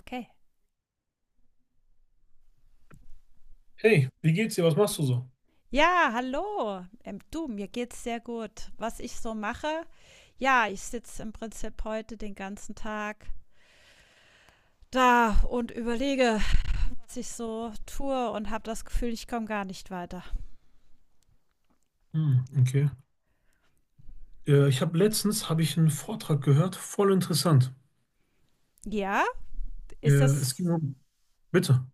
Okay. Hey, wie geht's dir? Was machst du so? Ja, hallo. Du, mir geht's sehr gut. Was ich so mache, ja, ich sitze im Prinzip heute den ganzen Tag da und überlege, was ich so tue und habe das Gefühl, ich komme gar nicht weiter. Hm, okay. Ich habe letztens habe ich einen Vortrag gehört, voll interessant. Ja, Äh, ist es das, ging um, bitte.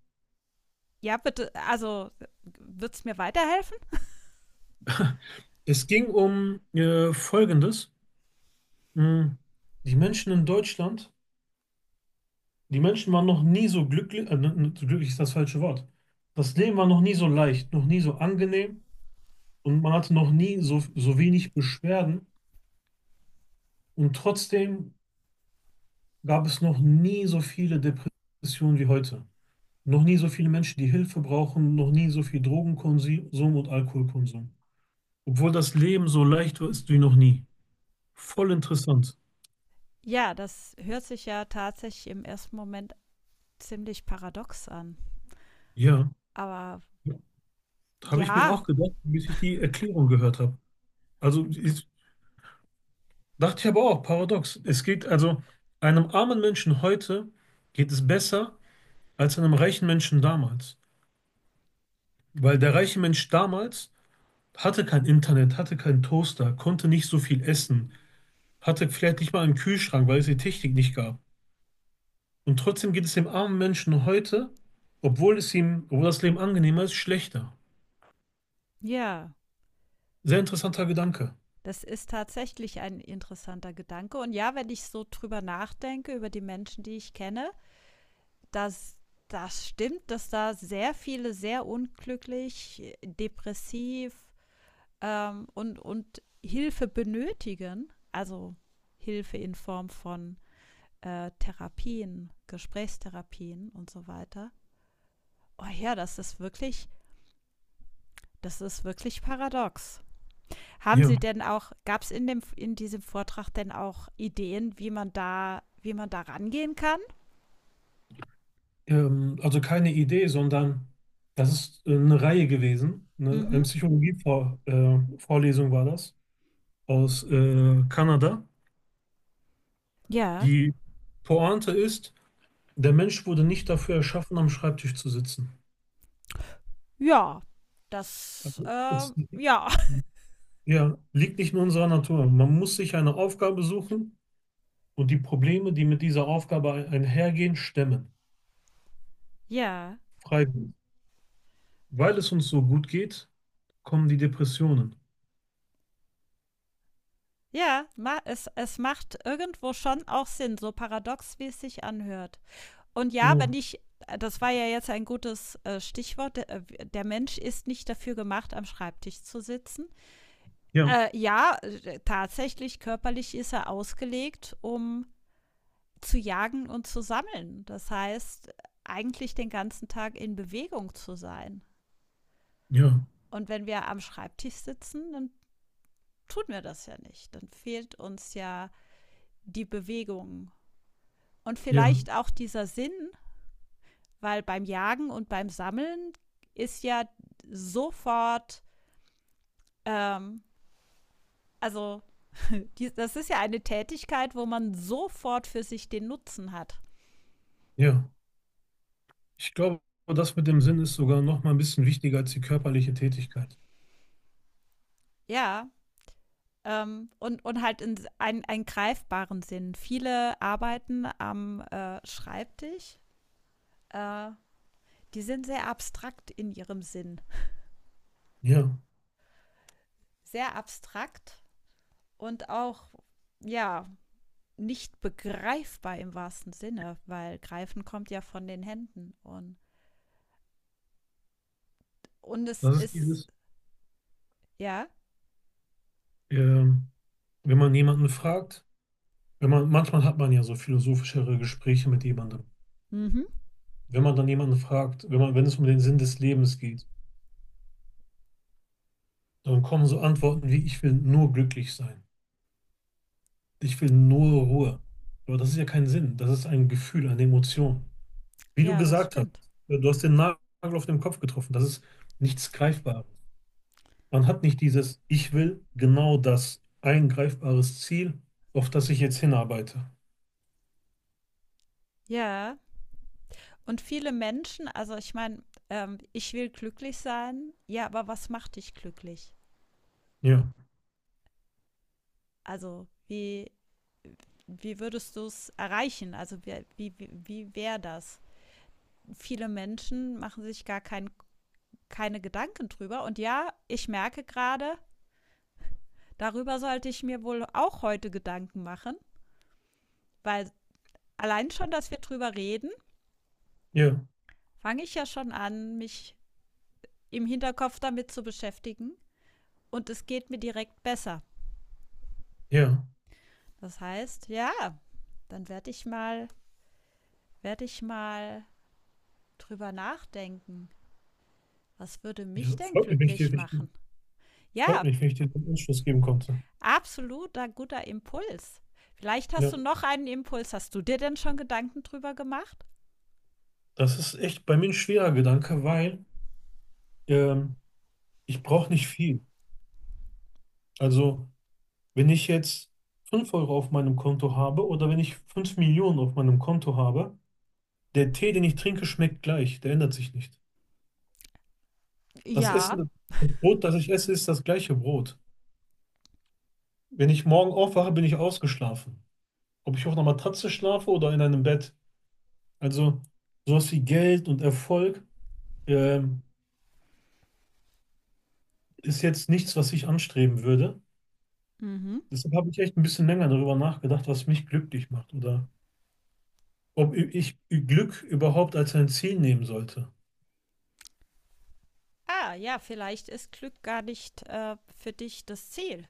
ja, bitte, also wird's mir weiterhelfen? Es ging um Folgendes. Hm, Die Menschen in Deutschland, die Menschen waren noch nie so glücklich, glücklich ist das falsche Wort. Das Leben war noch nie so leicht, noch nie so angenehm und man hatte noch nie so wenig Beschwerden und trotzdem gab es noch nie so viele Depressionen wie heute. Noch nie so viele Menschen, die Hilfe brauchen, noch nie so viel Drogenkonsum und Alkoholkonsum. Obwohl das Leben so leicht war, ist wie noch nie. Voll interessant. Ja, das hört sich ja tatsächlich im ersten Moment ziemlich paradox an. Ja, Aber habe ich mir ja, auch gedacht, bis ich die Erklärung gehört habe. Also dachte ich aber auch, paradox. Einem armen Menschen heute geht es besser als einem reichen Menschen damals. Weil der reiche Mensch damals hatte kein Internet, hatte keinen Toaster, konnte nicht so viel essen, hatte vielleicht nicht mal einen Kühlschrank, weil es die Technik nicht gab. Und trotzdem geht es dem armen Menschen heute, obwohl es obwohl das Leben angenehmer ist, schlechter. ja. Sehr interessanter Gedanke. Das ist tatsächlich ein interessanter Gedanke. Und ja, wenn ich so drüber nachdenke, über die Menschen, die ich kenne, dass das stimmt, dass da sehr viele sehr unglücklich, depressiv und Hilfe benötigen. Also Hilfe in Form von Therapien, Gesprächstherapien und so weiter. Oh ja, das ist wirklich paradox. Haben Ja. Sie denn auch, gab es in, dem, in diesem Vortrag denn auch Ideen, wie man da rangehen kann? Also keine Idee, sondern das ist eine Reihe gewesen. Ne? Mhm. Eine Psychologie-Vorlesung Vorlesung war das aus Kanada. Ja. Die Pointe ist, der Mensch wurde nicht dafür erschaffen, am Schreibtisch zu sitzen. Ja. Das, Also ja. ja, liegt nicht in unserer Natur. Man muss sich eine Aufgabe suchen und die Probleme, die mit dieser Aufgabe einhergehen, stemmen. Ja. Freiwillig. Weil es uns so gut geht, kommen die Depressionen. Ja, ma es, es macht irgendwo schon auch Sinn, so paradox, wie es sich anhört. Und ja, wenn Genau. ich, das war ja jetzt ein gutes Stichwort, der, der, Mensch ist nicht dafür gemacht, am Schreibtisch zu sitzen. Ja, Ja, tatsächlich, körperlich ist er ausgelegt, um zu jagen und zu sammeln. Das heißt, eigentlich den ganzen Tag in Bewegung zu sein. ja, Und wenn wir am Schreibtisch sitzen, dann tun wir das ja nicht. Dann fehlt uns ja die Bewegung. Und ja, vielleicht auch dieser Sinn, weil beim Jagen und beim Sammeln ist ja sofort, ähm, also die, das ist ja eine Tätigkeit, wo man sofort für sich den Nutzen hat. ja. Ich glaube, das mit dem Sinn ist sogar noch mal ein bisschen wichtiger als die körperliche Tätigkeit. Ja, und halt in einen, einen greifbaren Sinn. Viele arbeiten am Schreibtisch, äh, die sind sehr abstrakt in ihrem Sinn. Ja, Sehr abstrakt und auch, ja, nicht begreifbar im wahrsten Sinne, weil greifen kommt ja von den Händen. Und es das ist ist, dieses, ja, ähm, wenn man jemanden fragt, wenn man, manchmal hat man ja so philosophischere Gespräche mit jemandem. mhm. Wenn man dann jemanden fragt, wenn es um den Sinn des Lebens geht, dann kommen so Antworten wie, ich will nur glücklich sein. Ich will nur Ruhe. Aber das ist ja kein Sinn. Das ist ein Gefühl, eine Emotion. Wie du Ja, das gesagt hast, stimmt. du hast den Nagel auf den Kopf getroffen. Das ist nichts Greifbares. Man hat nicht dieses, ich will genau das, ein greifbares Ziel, auf das ich jetzt hinarbeite. Ja, und viele Menschen, also ich meine, ich will glücklich sein, ja, aber was macht dich glücklich? Ja, Also wie, wie würdest du es erreichen? Also wie, wie, wie wäre das? Viele Menschen machen sich gar kein, keine Gedanken drüber. Und ja, ich merke gerade, darüber sollte ich mir wohl auch heute Gedanken machen, weil allein schon, dass wir drüber reden, ja, fange ich ja schon an, mich im Hinterkopf damit zu beschäftigen. Und es geht mir direkt besser. ja, Das heißt, ja, dann werde ich mal drüber nachdenken. Was würde ja. mich denn Freut mich, wenn ich dir, glücklich wenn ich dir, machen? freut Ja, mich, wenn ich dir den Anschluss geben konnte. absoluter guter Impuls. Vielleicht hast Ja, du noch einen Impuls. Hast du dir denn schon Gedanken drüber gemacht? das ist echt bei mir ein schwerer Gedanke, weil ähm, ich brauche nicht viel. Also wenn ich jetzt 5 Euro auf meinem Konto habe oder wenn ich 5 Millionen auf meinem Konto habe, der Tee, den ich trinke, schmeckt gleich, der ändert sich nicht. Das Ja. Essen, das Brot, das ich esse, ist das gleiche Brot. Wenn ich morgen aufwache, bin ich ausgeschlafen. Ob ich auf einer Matratze schlafe oder in einem Bett. Also sowas wie Geld und Erfolg ähm, ist jetzt nichts, was ich anstreben würde. Mhm. Deshalb habe ich echt ein bisschen länger darüber nachgedacht, was mich glücklich macht oder ob ich Glück überhaupt als ein Ziel nehmen sollte. Ah, ja, vielleicht ist Glück gar nicht für dich das Ziel.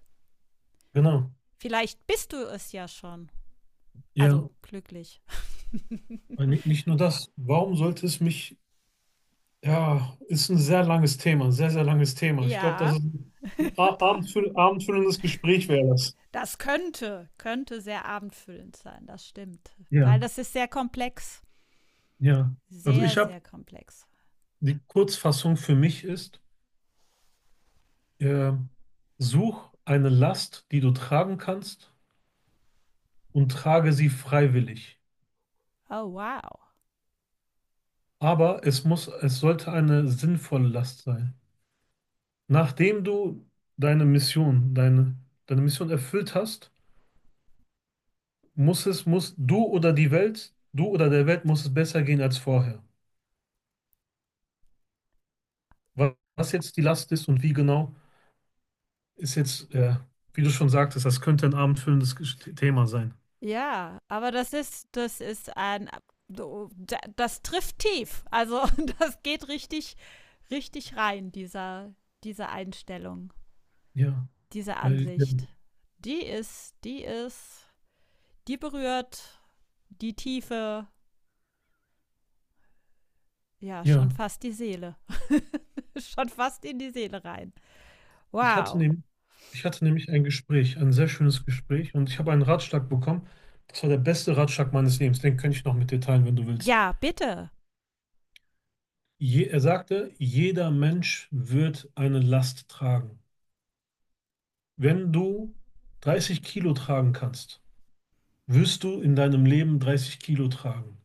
Genau. Vielleicht bist du es ja schon. Ja, Also glücklich. Nicht nur das. Warum sollte es mich, ja, ist ein sehr langes Thema, ein sehr, sehr langes Thema. Ich glaube, das Ja. ist ein abendfüllendes Gespräch wäre das. Das könnte, könnte sehr abendfüllend sein, das stimmt. Weil Ja, das ist sehr komplex. ja. Also Sehr, sehr komplex. die Kurzfassung für mich ist, äh, such eine Last, die du tragen kannst und trage sie freiwillig. Oh, wow. Aber es muss, es sollte eine sinnvolle Last sein. Nachdem du deine Mission, deine, deine Mission erfüllt hast, muss du oder die Welt, du oder der Welt muss es besser gehen als vorher. Was jetzt die Last ist und wie genau, ist jetzt, wie du schon sagtest, das könnte ein abendfüllendes Thema sein. Ja, aber das ist ein so, da- das trifft tief. Also das geht richtig richtig rein dieser diese Einstellung, Ja, diese weil, Ansicht. Die ist die ist die berührt die Tiefe, ja, schon ja, fast die Seele. Schon fast in die Seele rein. ich hatte Wow. nämlich, ich hatte nämlich ein Gespräch, ein sehr schönes Gespräch und ich habe einen Ratschlag bekommen. Das war der beste Ratschlag meines Lebens. Den könnte ich noch mit dir teilen, wenn du willst. Ja, bitte. Er sagte, jeder Mensch wird eine Last tragen. Wenn du 30 Kilo tragen kannst, wirst du in deinem Leben 30 Kilo tragen?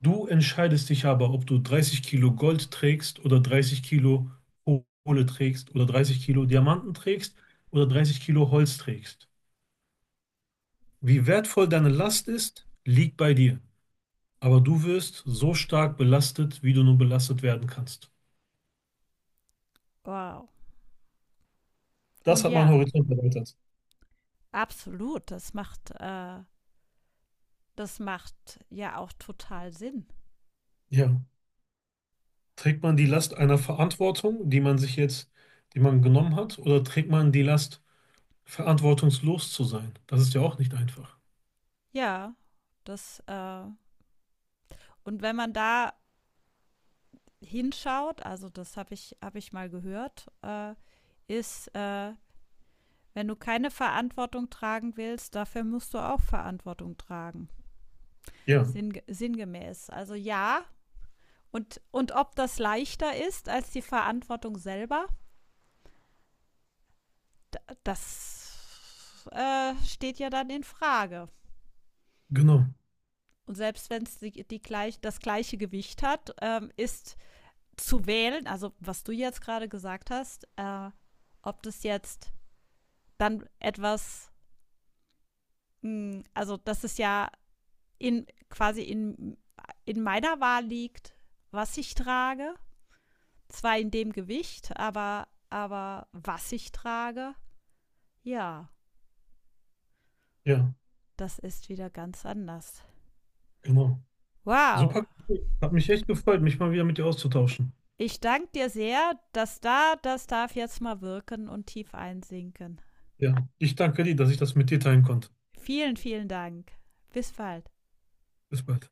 Du entscheidest dich aber, ob du 30 Kilo Gold trägst oder 30 Kilo Kohle trägst oder 30 Kilo Diamanten trägst oder 30 Kilo Holz trägst. Wie wertvoll deine Last ist, liegt bei dir. Aber du wirst so stark belastet, wie du nur belastet werden kannst. Wow. Das Und hat meinen ja, Horizont erweitert. absolut, das macht ja auch total Sinn. Ja. Trägt man die Last einer Verantwortung, die man sich jetzt, die man genommen hat, oder trägt man die Last, verantwortungslos zu sein? Das ist ja auch nicht einfach. Ja, das und wenn man da hinschaut, also das habe ich, hab ich mal gehört, ist, wenn du keine Verantwortung tragen willst, dafür musst du auch Verantwortung tragen. Ja, Sinn, sinngemäß. Also ja, und ob das leichter ist als die Verantwortung selber, das steht ja dann in Frage. genau. Und selbst wenn es die, die gleich, das gleiche Gewicht hat, ist zu wählen, also was du jetzt gerade gesagt hast, ob das jetzt dann etwas, hm, also dass es ja in quasi in meiner Wahl liegt, was ich trage. Zwar in dem Gewicht, aber was ich trage, ja, Ja, das ist wieder ganz anders. genau. Wow, Super cool. Hat mich echt gefreut, mich mal wieder mit dir auszutauschen. ich danke dir sehr, dass da, das darf jetzt mal wirken und tief einsinken. Ja, ich danke dir, dass ich das mit dir teilen konnte. Vielen, vielen Dank. Bis bald. Bis bald.